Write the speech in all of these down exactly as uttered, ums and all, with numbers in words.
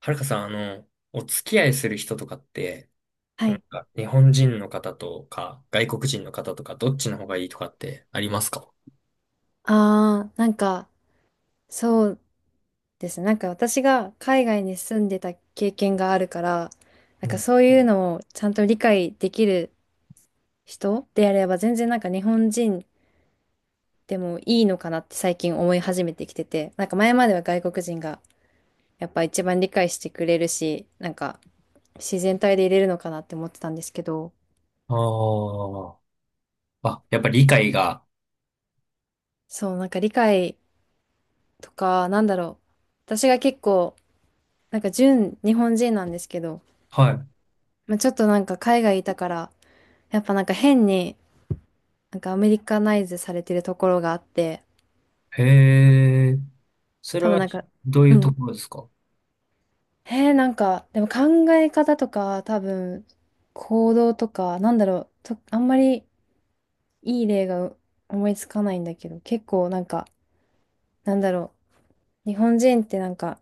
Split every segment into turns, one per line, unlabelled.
はるかさん、あの、お付き合いする人とかって、
は
なん
い。
か日本人の方とか、外国人の方とか、どっちの方がいいとかってありますか？
ああ、なんか、そうですね。なんか私が海外に住んでた経験があるから、な
う
んか
ん。
そういうのをちゃんと理解できる人であれば、全然なんか日本人でもいいのかなって最近思い始めてきてて、なんか前までは外国人がやっぱ一番理解してくれるし、なんか自然体でいれるのかなって思ってたんですけど、
ああ、あ、やっぱり理解が、
そう、なんか理解とか、なんだろう。私が結構、なんか純日本人なんですけど、
は
まあ、ちょっとなんか海外いたから、やっぱなんか変になんかアメリカナイズされてるところがあって、
い。へえ。それ
多分
は
なんか、
どうい
う
う
ん。
ところですか？
えー、なんか、でも考え方とか多分行動とか、なんだろう、と、あんまりいい例が思いつかないんだけど、結構なんか、なんだろう、日本人ってなんか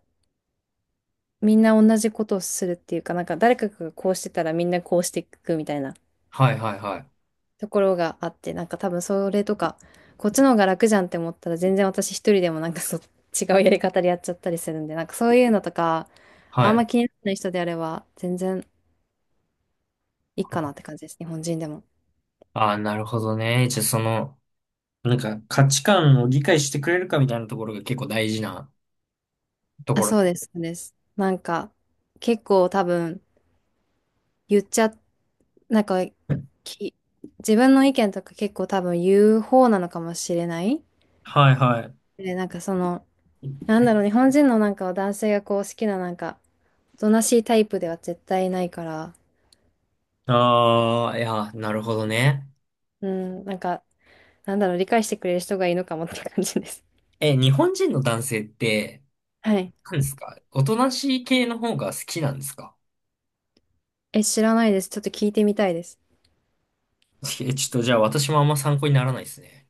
みんな同じことをするっていうか、なんか誰かがこうしてたらみんなこうしていくみたいな。
はいはいはい。
ところがあって、なんか多分それとか、こっちの方が楽じゃんって思ったら全然私一人でもなんかそ違うやり方でやっちゃったりするんで、なんかそういうのとか、
は
あん
い。
ま気にならない人であれば全然いいかなって感じです、日本人でも。
ああ、なるほどね。じゃあその、なんか価値観を理解してくれるかみたいなところが結構大事なと
あ、
ころ。
そうです、そうです。なんか結構多分言っちゃ、なんかき、自分の意見とか結構多分言う方なのかもしれない。
はいはい。
で、なんかその、なんだろう、日本人のなんか男性がこう好きななんか、おとなしいタイプでは絶対ないから、
ああ、いや、なるほどね。
うん、なんか、なんだろう、理解してくれる人がいいのかもって感じです。
え、日本人の男性って、
はい。
何ですか？おとなしい系の方が好きなんですか？
え、知らないです。ちょっと聞いてみたいです。
え、ちょっとじゃあ私もあんま参考にならないですね。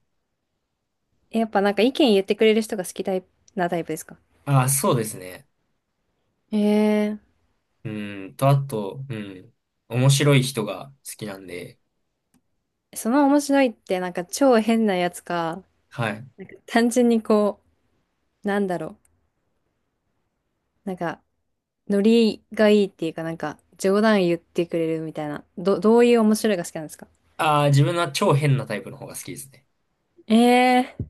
え、やっぱなんか意見言ってくれる人が好きタイプなタイプですか？
あ、そうですね。
ええ
うーんと、あと、うん。面白い人が好きなんで、
ー、その面白いってなんか超変なやつか、
はい。
単純にこう、なんだろう、なんか、ノリがいいっていうかなんか、冗談言ってくれるみたいな、ど、どういう面白いが好きなんですか？
あー、自分は超変なタイプの方が好きですね。
ええー、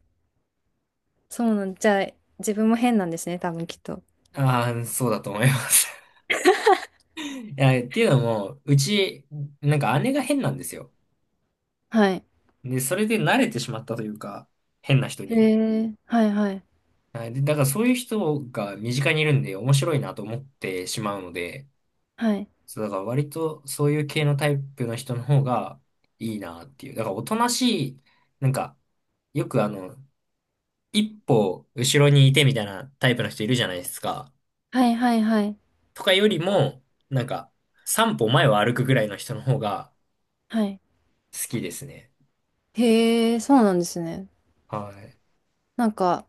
そうなん、じゃあ、自分も変なんですね、多分きっと。
あー、そうだと思います。いや、っていうのも、うち、なんか姉が変なんですよ。
はい。
で、それで慣れてしまったというか、変な人
え
に。
えー、はいはい。
はい。で、だからそういう人が身近にいるんで面白いなと思ってしまうので、
はい。
そう、だから割とそういう系のタイプの人の方がいいなっていう。だからおとなしい、なんか、よくあの、いっぽ後ろにいてみたいなタイプの人いるじゃないですか。
はいはいはい。
とかよりも、なんか、さんぽ前を歩くぐらいの人の方が
はい。
好きですね。
へえ、そうなんですね。
はい。
なんか、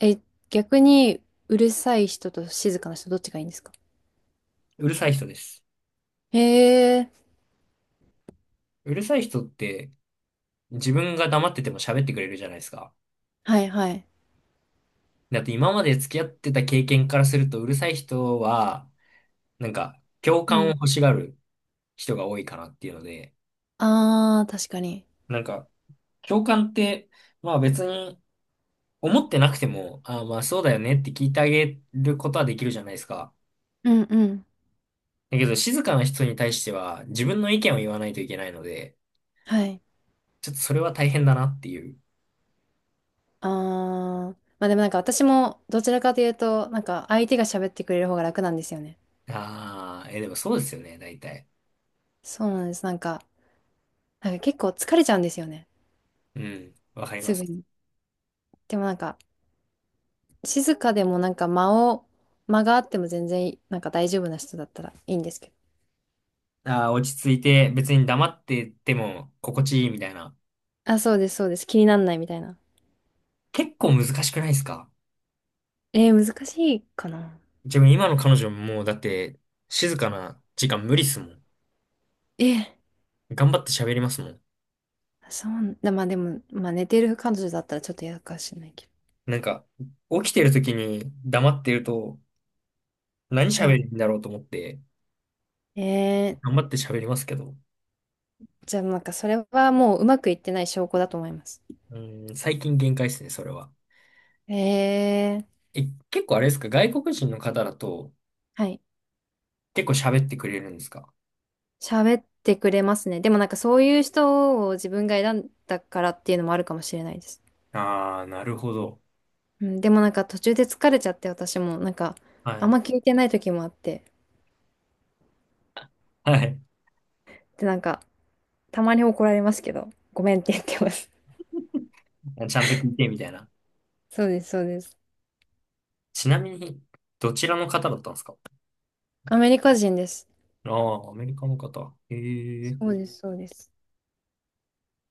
え、逆に、うるさい人と静かな人、どっちがいいんですか？
うるさい人です。
へえ、
うるさい人って、自分が黙ってても喋ってくれるじゃないですか。
はいはい。
だって今まで付き合ってた経験からすると、うるさい人は、なんか、共
う
感を
ん。
欲しがる人が多いかなっていうので、
ああ、確かに。
なんか、共感って、まあ別に思ってなくても、ああまあそうだよねって聞いてあげることはできるじゃないですか。
うんうん。
だけど静かな人に対しては自分の意見を言わないといけないので、
はい。
ちょっとそれは大変だなっていう。
ああ、まあでもなんか私も、どちらかというと、なんか相手が喋ってくれる方が楽なんですよね。
ああ、え、でもそうですよね、大体。
そうなんです。なんか、なんか結構疲れちゃうんですよね。
うん、わかりま
すぐ
す。
に。でもなんか、静かでもなんか間を、間があっても全然、なんか大丈夫な人だったらいいんですけど。
ああ、落ち着いて別に黙ってても心地いいみたいな。
あ、そうです、そうです。気になんないみたいな。
結構難しくないですか？
えー、難しいかな。
自分今の彼女ももうだって静かな時間無理っすもん。
えー
頑張って喋りますもん。
そう、だまあでも、まあ寝てる彼女だったらちょっと嫌かもしれないけど。
なんか、起きてる時に黙ってると、何
は
喋
い。
るんだろうと思って、
え
頑
ー、
張って喋りますけど、
じゃあなんかそれはもううまくいってない証拠だと思います。
うん、最近限界ですね、それは。
えー、
え、結構あれですか、外国人の方だと、
はい。
結構喋ってくれるんですか？
喋ってくれますね。でもなんかそういう人を自分が選んだからっていうのもあるかもしれないです。
ああー、なるほど。
うん、でもなんか途中で疲れちゃって私もなんか
は
あん
い。
ま聞いてない時もあって。
はい。
でなんかたまに怒られますけど、ごめんって言ってます。
ちゃんと聞いて、みたいな。
そうです、そうです。
ちなみに、どちらの方だったんですか？
アメリカ人です。
ああー、アメリカの方。へえ。
そうです、そうです。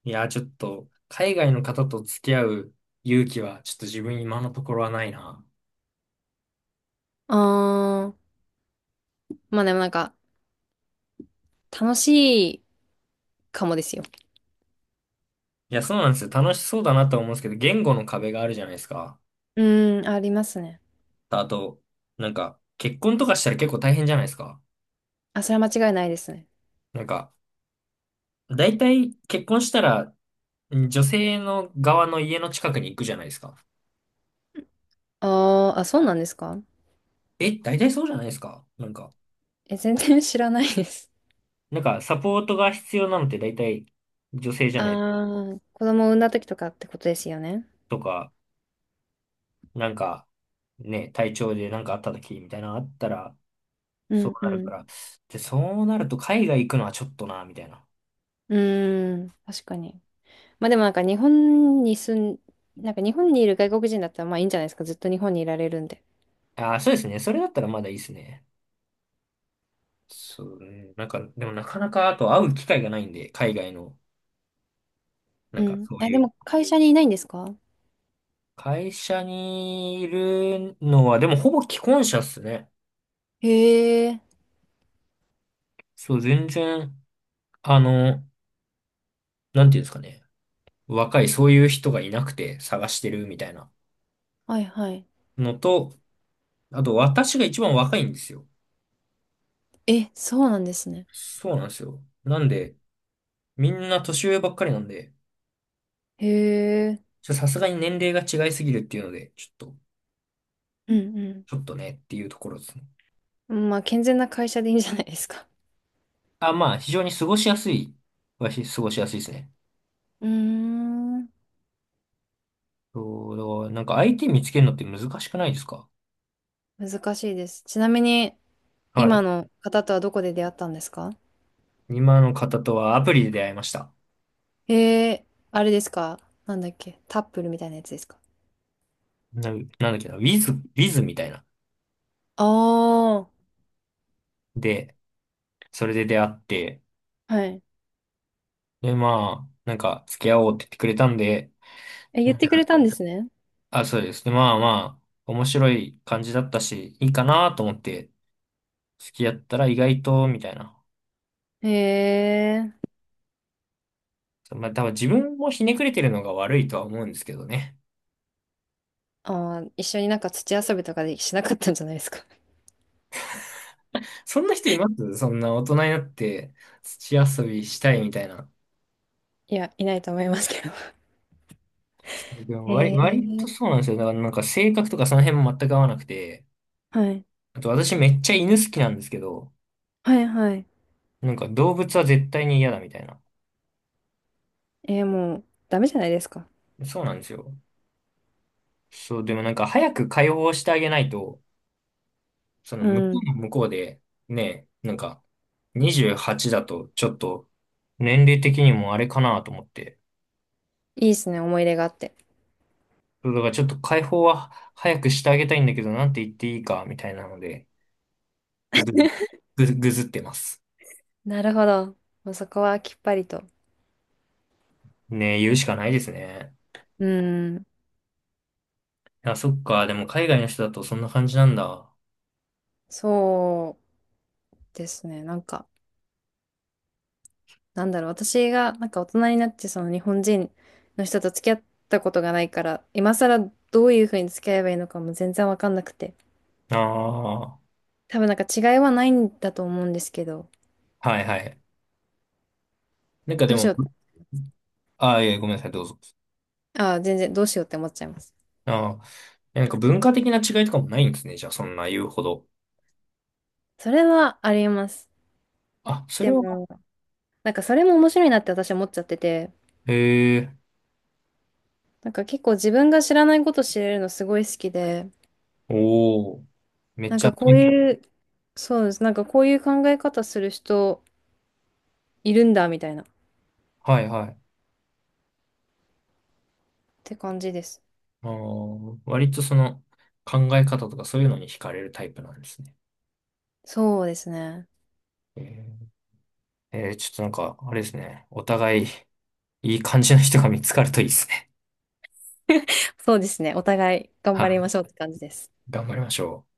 いやちょっと、海外の方と付き合う勇気は、ちょっと自分今のところはないな。
あー、まあでもなんか、楽しいかもですよ。
いや、そうなんですよ。楽しそうだなとは思うんですけど、言語の壁があるじゃないですか。
うーん、ありますね。
あと、なんか、結婚とかしたら結構大変じゃないですか。
あ、それは間違いないですね。
なんか、大体結婚したら、ん女性の側の家の近くに行くじゃないですか。
あー、あ、そうなんですか？
え、大体そうじゃないですか。なんか、
え、全然 知らないです。
なんか、サポートが必要なのって大体女性じゃないですか。
あー、子供を産んだ時とかってことですよね。
とか、なんか、ね、体調でなんかあった時みたいなのあったら、
う
そう
んう
なる
ん。
から。で、そうなると海外行くのはちょっとな、みたいな。
うーん、確かに。まあでもなんか日本に住ん、なんか日本にいる外国人だったらまあいいんじゃないですか。ずっと日本にいられるんで。
ああ、そうですね。それだったらまだいいですね。そうね。なんか、でもなかなか、あと会う機会がないんで、海外の、な
う
んか
ん。
そう
あ、
い
で
う、
も会社にいないんですか？
会社にいるのは、でもほぼ既婚者っすね。
へえ、
そう、全然、あの、なんていうんですかね。若い、そういう人がいなくて探してるみたいな
はいはい。
のと、あと私が一番若いんですよ。
え、そうなんですね。
そうなんですよ。なんで、みんな年上ばっかりなんで、
へえ。
ちょさすがに年齢が違いすぎるっていうので、ちょっと、
うん
ちょっとねっていうところですね。
うん。まあ、健全な会社でいいんじゃないですか。
あ、まあ、非常に過ごしやすい。わし、過ごしやすいですね。
うーん。
そう、なんか相手見つけるのって難しくないですか？
難しいです。ちなみに、
は
今
い。
の方とはどこで出会ったんですか？
今の方とはアプリで出会いました。
えー、あれですか？なんだっけタップルみたいなやつですか？
な、なんだっけな、ウィズ、ウィズみたいな。
ああー、
で、それで出会って、
はい。
で、まあ、なんか、付き合おうって言ってくれたんで、
え、
う
言っ
ん。
てくれたんですね。
あ、そうです。で、まあまあ、面白い感じだったし、いいかなと思って、付き合ったら意外と、みたいな。
へえ。
まあ、多分自分もひねくれてるのが悪いとは思うんですけどね。
ああ、一緒になんか土遊びとかでしなかったんじゃないですか。
そんな人います？そんな大人になって土遊びしたいみたいな。
いや、いないと思いますけど。
でも
へ
割、割と
え。
そうなんですよ。だからなんか性格とかその辺も全く合わなくて。あと私めっちゃ犬好きなんですけど、
はいはいはい。
なんか動物は絶対に嫌だみたいな。
えー、もう、ダメじゃないですか。
そうなんですよ。そう、でもなんか早く解放してあげないと、その
う
向こ
ん。い
うも向こうで、ね、なんかにじゅうはちだとちょっと年齢的にもあれかなと思って。
いですね、思い出があって。
そうだからちょっと解放は早くしてあげたいんだけど、なんて言っていいかみたいなので。ぐ、ぐず、ぐずってます。
なるほど。もうそこはきっぱりと。
ねえ、言うしかないですね。
うん、
あ、そっか。でも海外の人だとそんな感じなんだ。
そうですね。なんか、なんだろう、私がなんか大人になってその日本人の人と付き合ったことがないから、今更どういうふうに付き合えばいいのかも全然わかんなくて。
ああ、は
多分なんか違いはないんだと思うんですけど、
いはい。なんかで
どうし
も、
よう、
ああ、いえ、ごめんなさい、どうぞ。
ああ、全然どうしようって思っちゃいます。
ああ、なんか文化的な違いとかもないんですね。じゃあ、そんな言うほど。
それはあります。
あ、それ
で
は、
も、なんかそれも面白いなって私は思っちゃってて、
へえ、
なんか結構自分が知らないこと知れるのすごい好きで、
おお、めっ
なん
ちゃ
かこ
勉
う
強。
いう、そうです。なんかこういう考え方する人いるんだ、みたいな。っ
はいはい。
て感じです。
あー割とその考え方とかそういうのに惹かれるタイプなんですね。
そうですね。
えー、えーちょっとなんか、あれですね。お互いいい感じの人が見つかるといいですね。
そうですね。お互い頑
は
張り
い。
ましょうって感じです。
頑張りましょう。